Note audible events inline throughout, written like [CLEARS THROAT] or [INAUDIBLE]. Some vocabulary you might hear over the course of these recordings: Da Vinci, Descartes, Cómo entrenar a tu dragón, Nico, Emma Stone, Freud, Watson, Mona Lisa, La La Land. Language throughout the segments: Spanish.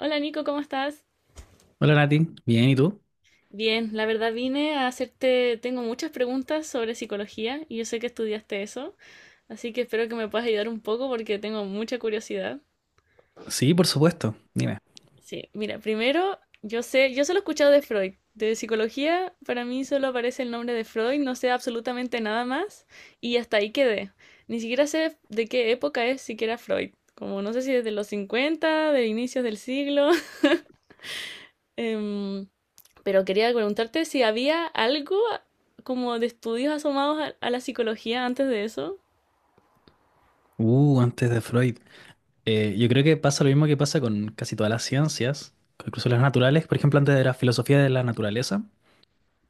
Hola Nico, ¿cómo estás? Hola Nati, bien, ¿y tú? Bien, la verdad vine a hacerte, tengo muchas preguntas sobre psicología y yo sé que estudiaste eso, así que espero que me puedas ayudar un poco porque tengo mucha curiosidad. Sí, por supuesto, dime. Sí, mira, primero, yo solo he escuchado de Freud, de psicología para mí solo aparece el nombre de Freud, no sé absolutamente nada más y hasta ahí quedé. Ni siquiera sé de qué época es siquiera Freud, como no sé si desde los 50, de inicios del siglo. [LAUGHS] em, Pero quería preguntarte si había algo como de estudios asomados a la psicología antes de eso, Antes de Freud. Yo creo que pasa lo mismo que pasa con casi todas las ciencias, con incluso las naturales, por ejemplo, antes de la filosofía de la naturaleza.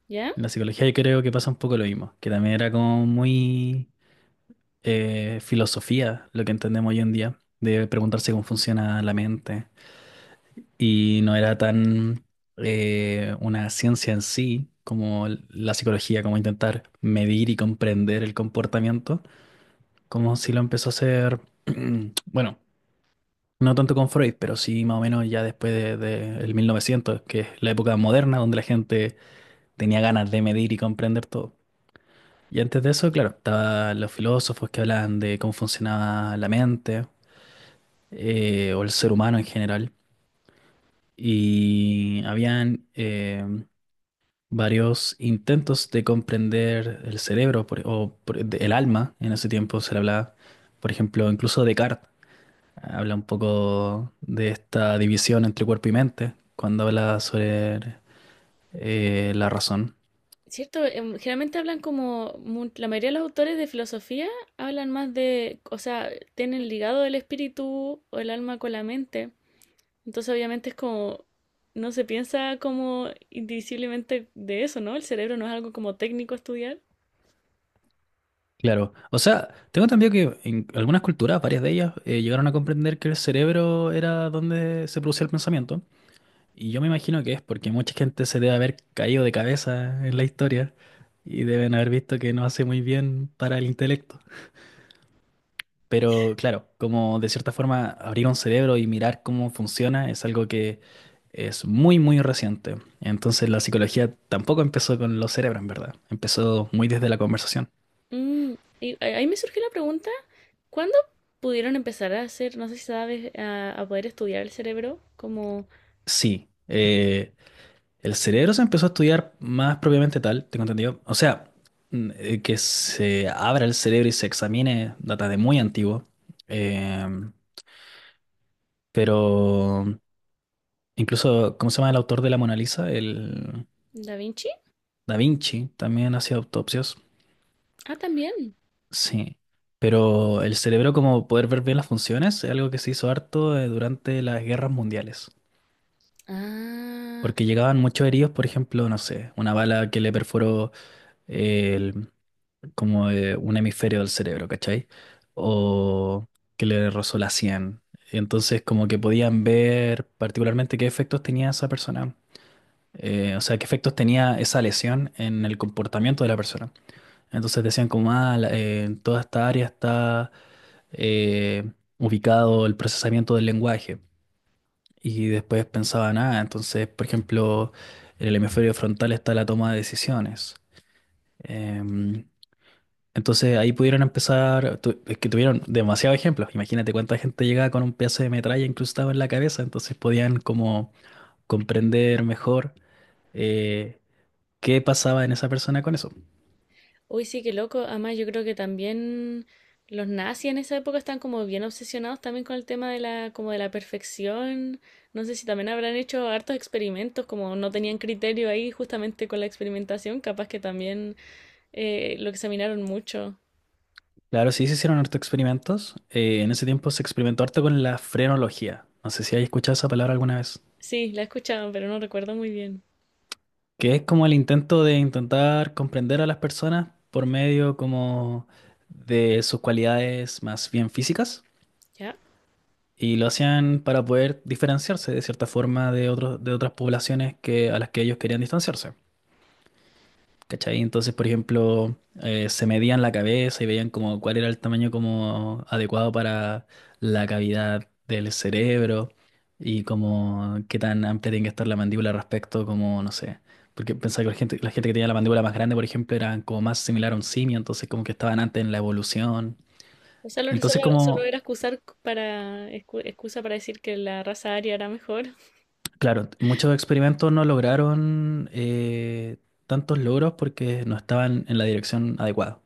¿ya? En la psicología yo creo que pasa un poco lo mismo, que también era como muy filosofía lo que entendemos hoy en día, de preguntarse cómo funciona la mente. Y no era tan una ciencia en sí como la psicología, como intentar medir y comprender el comportamiento como si lo empezó a hacer, [CLEARS THROAT] bueno, no tanto con Freud, pero sí más o menos ya después de el 1900, que es la época moderna donde la gente tenía ganas de medir y comprender todo. Y antes de eso, claro, estaban los filósofos que hablaban de cómo funcionaba la mente o el ser humano en general. Y habían varios intentos de comprender el cerebro el alma en ese tiempo se le hablaba, por ejemplo, incluso Descartes habla un poco de esta división entre cuerpo y mente cuando habla sobre la razón. Cierto, generalmente hablan como, la mayoría de los autores de filosofía hablan más de, o sea, tienen ligado el espíritu o el alma con la mente. Entonces obviamente es como, no se piensa como indivisiblemente de eso, ¿no? El cerebro no es algo como técnico a estudiar. Claro, o sea, tengo entendido que en algunas culturas, varias de ellas, llegaron a comprender que el cerebro era donde se producía el pensamiento. Y yo me imagino que es porque mucha gente se debe haber caído de cabeza en la historia y deben haber visto que no hace muy bien para el intelecto. Pero claro, como de cierta forma abrir un cerebro y mirar cómo funciona es algo que es muy, muy reciente. Entonces la psicología tampoco empezó con los cerebros, en verdad. Empezó muy desde la conversación. Mm, y ahí me surgió la pregunta, ¿cuándo pudieron empezar a hacer, no sé si sabes, a poder estudiar el cerebro como... Sí, el cerebro se empezó a estudiar más propiamente tal, tengo entendido. O sea, que se abra el cerebro y se examine data de muy antiguo. Em, pero incluso, ¿cómo se llama el autor de la Mona Lisa? El ¿Da Vinci? Da Vinci también hacía autopsias. Ah, también. Sí, pero el cerebro como poder ver bien las funciones es algo que se hizo harto durante las guerras mundiales, Ah, porque llegaban muchos heridos, por ejemplo, no sé, una bala que le perforó el- como un hemisferio del cerebro, ¿cachai? O que le rozó la sien. Entonces como que podían ver particularmente qué efectos tenía esa persona, o sea, qué efectos tenía esa lesión en el comportamiento de la persona. Entonces decían como, ah, en toda esta área está eh, ubicado el procesamiento del lenguaje. Y después pensaban, ah, entonces, por ejemplo, en el hemisferio frontal está la toma de decisiones. Em, entonces ahí pudieron empezar, es que tuvieron demasiados ejemplos. Imagínate cuánta gente llegaba con un pedazo de metralla incrustado en la cabeza, entonces podían como comprender mejor eh, qué pasaba en esa persona con eso. uy, sí, qué loco. Además, yo creo que también los nazis en esa época están como bien obsesionados también con el tema de la, como de la perfección. No sé si también habrán hecho hartos experimentos, como no tenían criterio ahí justamente con la experimentación, capaz que también lo examinaron mucho. Claro, sí se hicieron harto experimentos. En ese tiempo se experimentó harto con la frenología. No sé si hay escuchado esa palabra alguna vez. Sí, la escuchaban, pero no recuerdo muy bien. Que es como el intento de intentar comprender a las personas por medio como de sus cualidades más bien físicas. ¿Ya? Y lo hacían para poder diferenciarse de cierta forma de otros, de otras poblaciones que, a las que ellos querían distanciarse. ¿Cachai? Entonces, por ejemplo, se medían la cabeza y veían como cuál era el tamaño como adecuado para la cavidad del cerebro y como qué tan amplia tiene que estar la mandíbula respecto como, no sé, porque pensaba que la gente que tenía la mandíbula más grande, por ejemplo, eran como más similar a un simio, entonces como que estaban antes en la evolución. O sea, Entonces solo como, era excusar para, excusa para decir que la raza aria era mejor. claro, muchos experimentos no lograron tantos logros porque no estaban en la dirección adecuada.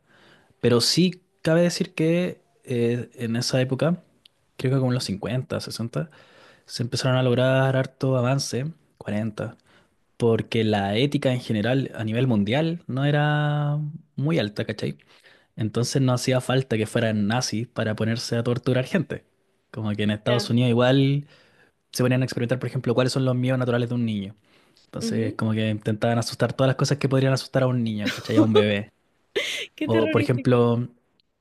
Pero sí cabe decir que en esa época, creo que como en los 50 60 se empezaron a lograr harto avance, 40 porque la ética en general a nivel mundial no era muy alta, ¿cachai? Entonces no hacía falta que fueran nazis para ponerse a torturar gente. Como que en Ya. Estados Unidos igual se ponían a experimentar, por ejemplo, cuáles son los miedos naturales de un niño. Entonces Ujú. como que intentaban asustar todas las cosas que podrían asustar a un niño, ¿cachai? A un [LAUGHS] bebé. Qué O por terrorífico. ejemplo,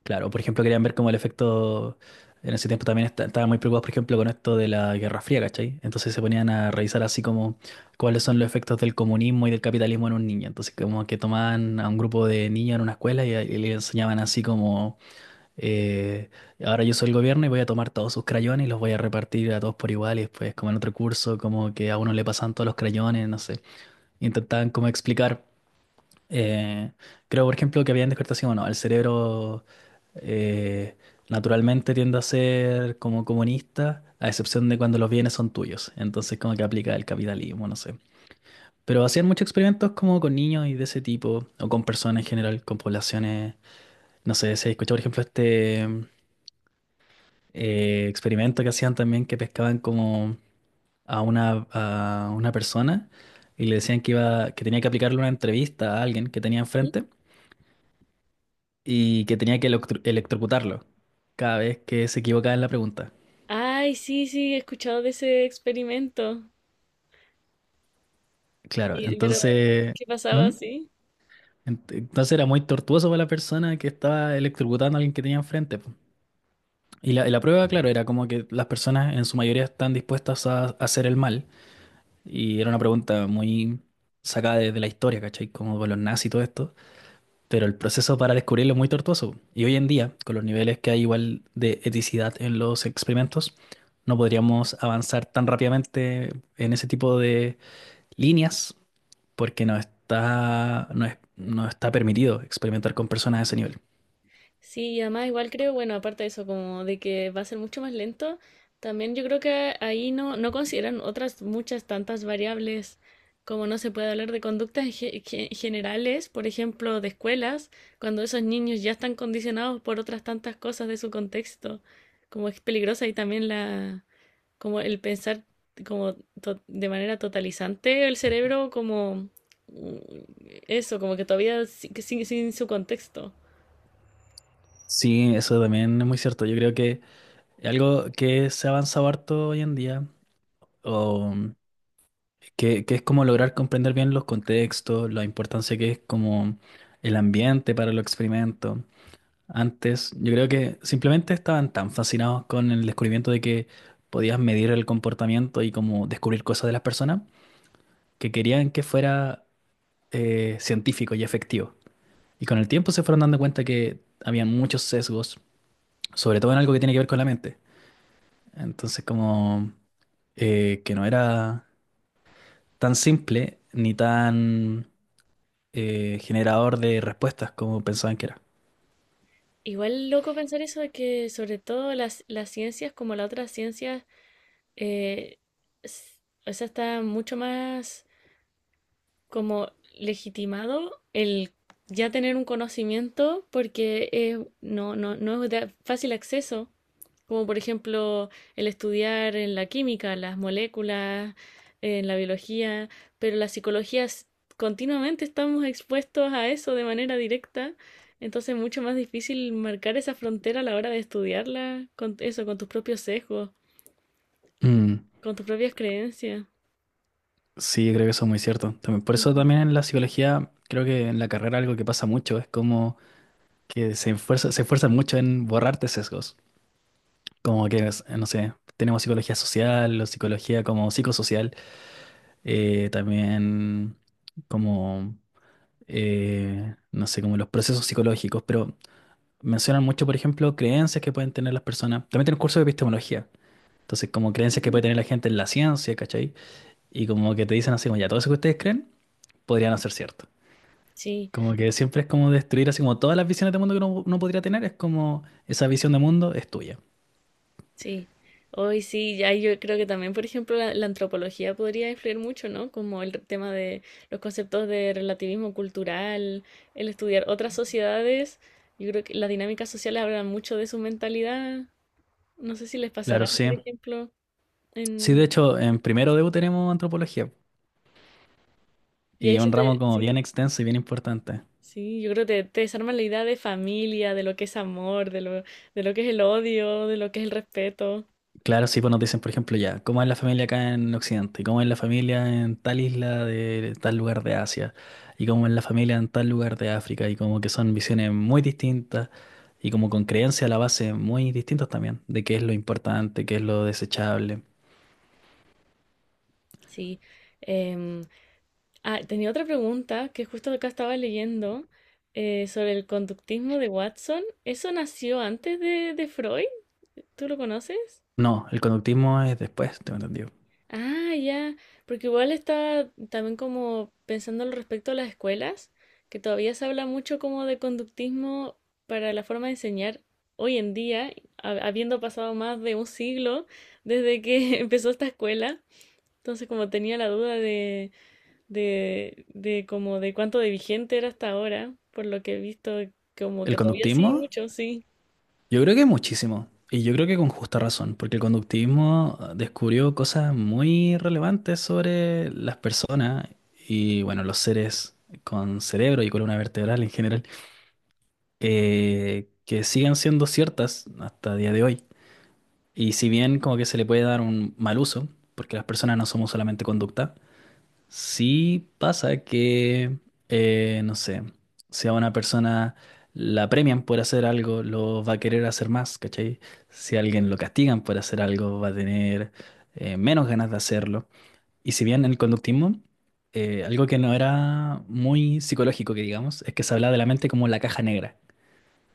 claro, por ejemplo querían ver como el efecto, en ese tiempo también estaban muy preocupados, por ejemplo, con esto de la Guerra Fría, ¿cachai? Entonces se ponían a revisar así como cuáles son los efectos del comunismo y del capitalismo en un niño. Entonces como que tomaban a un grupo de niños en una escuela y le enseñaban así como, eh, ahora yo soy el gobierno y voy a tomar todos sus crayones y los voy a repartir a todos por igual y después como en otro curso, como que a uno le pasan todos los crayones, no sé. Intentaban como explicar. Eh, creo, por ejemplo, que habían descubierto así, bueno, el cerebro eh, naturalmente tiende a ser como comunista, a excepción de cuando los bienes son tuyos. Entonces, como que aplica el capitalismo, no sé. Pero hacían muchos experimentos como con niños y de ese tipo, o con personas en general, con poblaciones. No sé, se escuchó, por ejemplo, este experimento que hacían también que pescaban como a una persona y le decían que iba, que tenía que aplicarle una entrevista a alguien que tenía ¿Mm? enfrente. Y que tenía que electrocutarlo cada vez que se equivocaba en la pregunta. Ay, sí, sí, he escuchado de ese experimento. Claro, Y pero, entonces, ¿qué pasaba ¿mm? así? Entonces era muy tortuoso para la persona que estaba electrocutando a alguien que tenía enfrente, po. Y la prueba, claro, era como que las personas en su mayoría están dispuestas a hacer el mal. Y era una pregunta muy sacada de la historia, ¿cachai? Como de los nazis y todo esto. Pero el proceso para descubrirlo es muy tortuoso. Y hoy en día, con los niveles que hay igual de eticidad en los experimentos, no podríamos avanzar tan rápidamente en ese tipo de líneas porque no está, no está permitido experimentar con personas a ese nivel. Sí, y además igual creo, bueno, aparte de eso, como de que va a ser mucho más lento, también yo creo que ahí no consideran otras muchas tantas variables, como no se puede hablar de conductas generales, por ejemplo, de escuelas, cuando esos niños ya están condicionados por otras tantas cosas de su contexto, como es peligrosa y también la, como el pensar como de manera totalizante el cerebro, como mm, eso, como que todavía sin sin su contexto. Sí, eso también es muy cierto. Yo creo que algo que se ha avanzado harto hoy en día, o que es como lograr comprender bien los contextos, la importancia que es como el ambiente para los experimentos. Antes, yo creo que simplemente estaban tan fascinados con el descubrimiento de que podías medir el comportamiento y como descubrir cosas de las personas que querían que fuera científico y efectivo. Y con el tiempo se fueron dando cuenta que habían muchos sesgos, sobre todo en algo que tiene que ver con la mente. Entonces, como que no era tan simple ni tan generador de respuestas como pensaban que era. Igual loco pensar eso de que sobre todo las ciencias como la otra ciencia, eh, s- o sea, está mucho más como legitimado el ya tener un conocimiento porque no es de fácil acceso como por ejemplo el estudiar en la química, las moléculas, en la biología, pero la psicología continuamente estamos expuestos a eso de manera directa, entonces es mucho más difícil marcar esa frontera a la hora de estudiarla con eso, con tus propios sesgos, Mm. con tus propias creencias. Sí, creo que eso es muy cierto. También, por eso Ujú. también en la psicología, creo que en la carrera algo que pasa mucho es como que se esfuerzan mucho en borrarte sesgos. Como que, no sé, tenemos psicología social o psicología como psicosocial, también como, no sé, como los procesos psicológicos, pero mencionan mucho, por ejemplo, creencias que pueden tener las personas. También tienen curso de epistemología. Entonces, como creencias que puede tener la gente en la ciencia, ¿cachai? Y como que te dicen así, como ya, todo eso que ustedes creen podría no ser cierto. Sí. Como que siempre es como destruir así como todas las visiones de mundo que uno podría tener, es como esa visión de mundo es tuya. Sí, hoy sí, ya yo creo que también, por ejemplo, la antropología podría influir mucho, ¿no? Como el tema de los conceptos de relativismo cultural, el estudiar otras sociedades, yo creo que las dinámicas sociales hablan mucho de su mentalidad, no sé si les Claro, pasará, sí. por ejemplo, Sí, de en... hecho, en primero de U tenemos antropología Y y ahí es se un ramo te... como Sí, bien extenso y bien importante. sí, yo creo que te desarman la idea de familia, de lo que es amor, de lo que es el odio, de lo que es el respeto, Claro, sí, pues nos dicen, por ejemplo, ya, ¿cómo es la familia acá en Occidente? ¿Cómo es la familia en tal isla de tal lugar de Asia? ¿Y cómo es la familia en tal lugar de África? Y como que son visiones muy distintas y como con creencias a la base muy distintas también, de qué es lo importante, qué es lo desechable. sí. em, Ah, tenía otra pregunta que justo acá estaba leyendo sobre el conductismo de Watson. ¿Eso nació antes de Freud? ¿Tú lo conoces? No, el conductismo es después, tengo entendido. Ah, ya, porque igual estaba también como pensando al respecto a las escuelas, que todavía se habla mucho como de conductismo para la forma de enseñar hoy en día, habiendo pasado más de un siglo desde que [LAUGHS] empezó esta escuela. Entonces, como tenía la duda de como de cuánto de vigente era hasta ahora, por lo que he visto, como El que todavía sigue conductismo, mucho, sí. yo creo que muchísimo. Y yo creo que con justa razón, porque el conductismo descubrió cosas muy relevantes sobre las personas y, bueno, los seres con cerebro y columna vertebral en general, que siguen siendo ciertas hasta día de hoy. Y si bien como que se le puede dar un mal uso, porque las personas no somos solamente conducta. Sí pasa que, no sé, si a una persona la premian por hacer algo, lo va a querer hacer más, ¿cachai? Si a alguien lo castigan por hacer algo, va a tener menos ganas de hacerlo. Y si bien el conductismo, algo que no era muy psicológico, que digamos, es que se hablaba de la mente como la caja negra.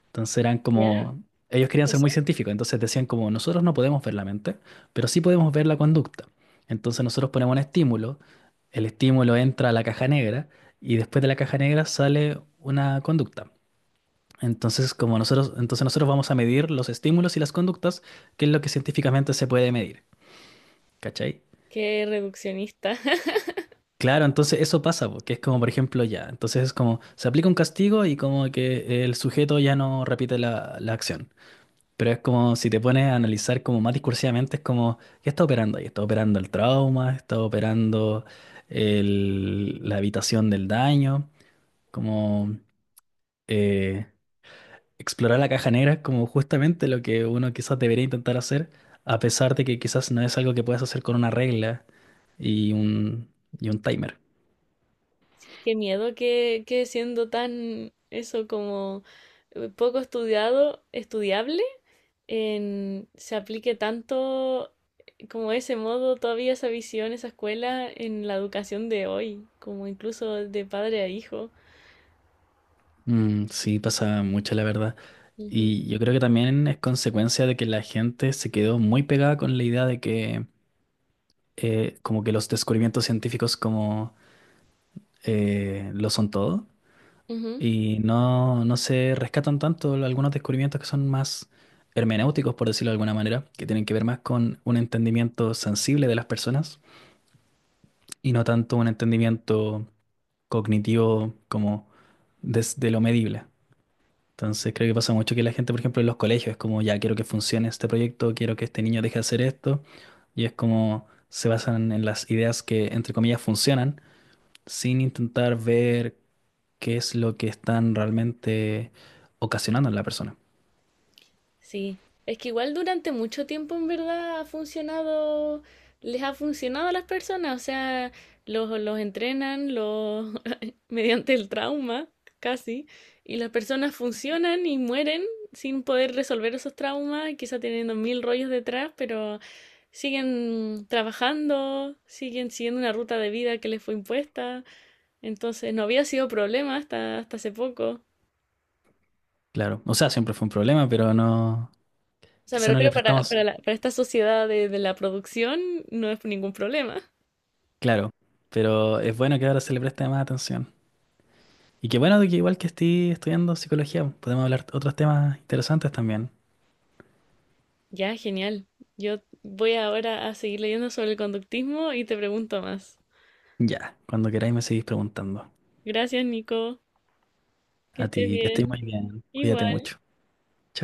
Entonces eran ¿Ya? como, ellos querían ser ¿Eso? muy científicos, entonces decían como, nosotros no podemos ver la mente, pero sí podemos ver la conducta. Entonces nosotros ponemos un estímulo, el estímulo entra a la caja negra y después de la caja negra sale una conducta. Entonces, como nosotros, entonces nosotros vamos a medir los estímulos y las conductas, que es lo que científicamente se puede medir, ¿cachai? Qué reduccionista. [LAUGHS] Claro, entonces eso pasa, porque es como, por ejemplo, ya, entonces es como, se aplica un castigo y como que el sujeto ya no repite la acción. Pero es como si te pones a analizar como más discursivamente, es como, ¿qué está operando ahí? ¿Está operando el trauma? ¿Está operando la evitación del daño? Como eh, explorar la caja negra es como justamente lo que uno quizás debería intentar hacer, a pesar de que quizás no es algo que puedas hacer con una regla y un, timer. Qué miedo que siendo tan eso como poco estudiado, estudiable, se aplique tanto como ese modo, todavía esa visión, esa escuela en la educación de hoy, como incluso de padre a hijo. Mm, sí, pasa mucho, la verdad. Ujú, Y yo creo que también es consecuencia de que la gente se quedó muy pegada con la idea de que como que los descubrimientos científicos como lo son todo ujú. y no, no se rescatan tanto algunos descubrimientos que son más hermenéuticos, por decirlo de alguna manera, que tienen que ver más con un entendimiento sensible de las personas y no tanto un entendimiento cognitivo como desde lo medible. Entonces creo que pasa mucho que la gente, por ejemplo, en los colegios es como, ya quiero que funcione este proyecto, quiero que este niño deje de hacer esto, y es como se basan en las ideas que, entre comillas, funcionan sin intentar ver qué es lo que están realmente ocasionando en la persona. Sí, es que igual durante mucho tiempo en verdad ha funcionado, les ha funcionado a las personas, o sea, los entrenan los, [LAUGHS] mediante el trauma, casi, y las personas funcionan y mueren sin poder resolver esos traumas, quizá teniendo mil rollos detrás, pero siguen trabajando, siguen siguiendo una ruta de vida que les fue impuesta, entonces no había sido problema hasta, hasta hace poco. Claro, o sea, siempre fue un problema, pero no, O sea, me quizá no le refiero prestamos, para, para esta sociedad de la producción, no es ningún problema. claro, pero es bueno que ahora se le preste más atención. Y qué bueno de que igual que estoy estudiando psicología, podemos hablar otros temas interesantes también. Ya, genial. Yo voy ahora a seguir leyendo sobre el conductismo y te pregunto más. Ya, cuando queráis me seguís preguntando. Gracias, Nico. Que A estés ti, que estés bien. muy bien, cuídate Igual. mucho. Chao.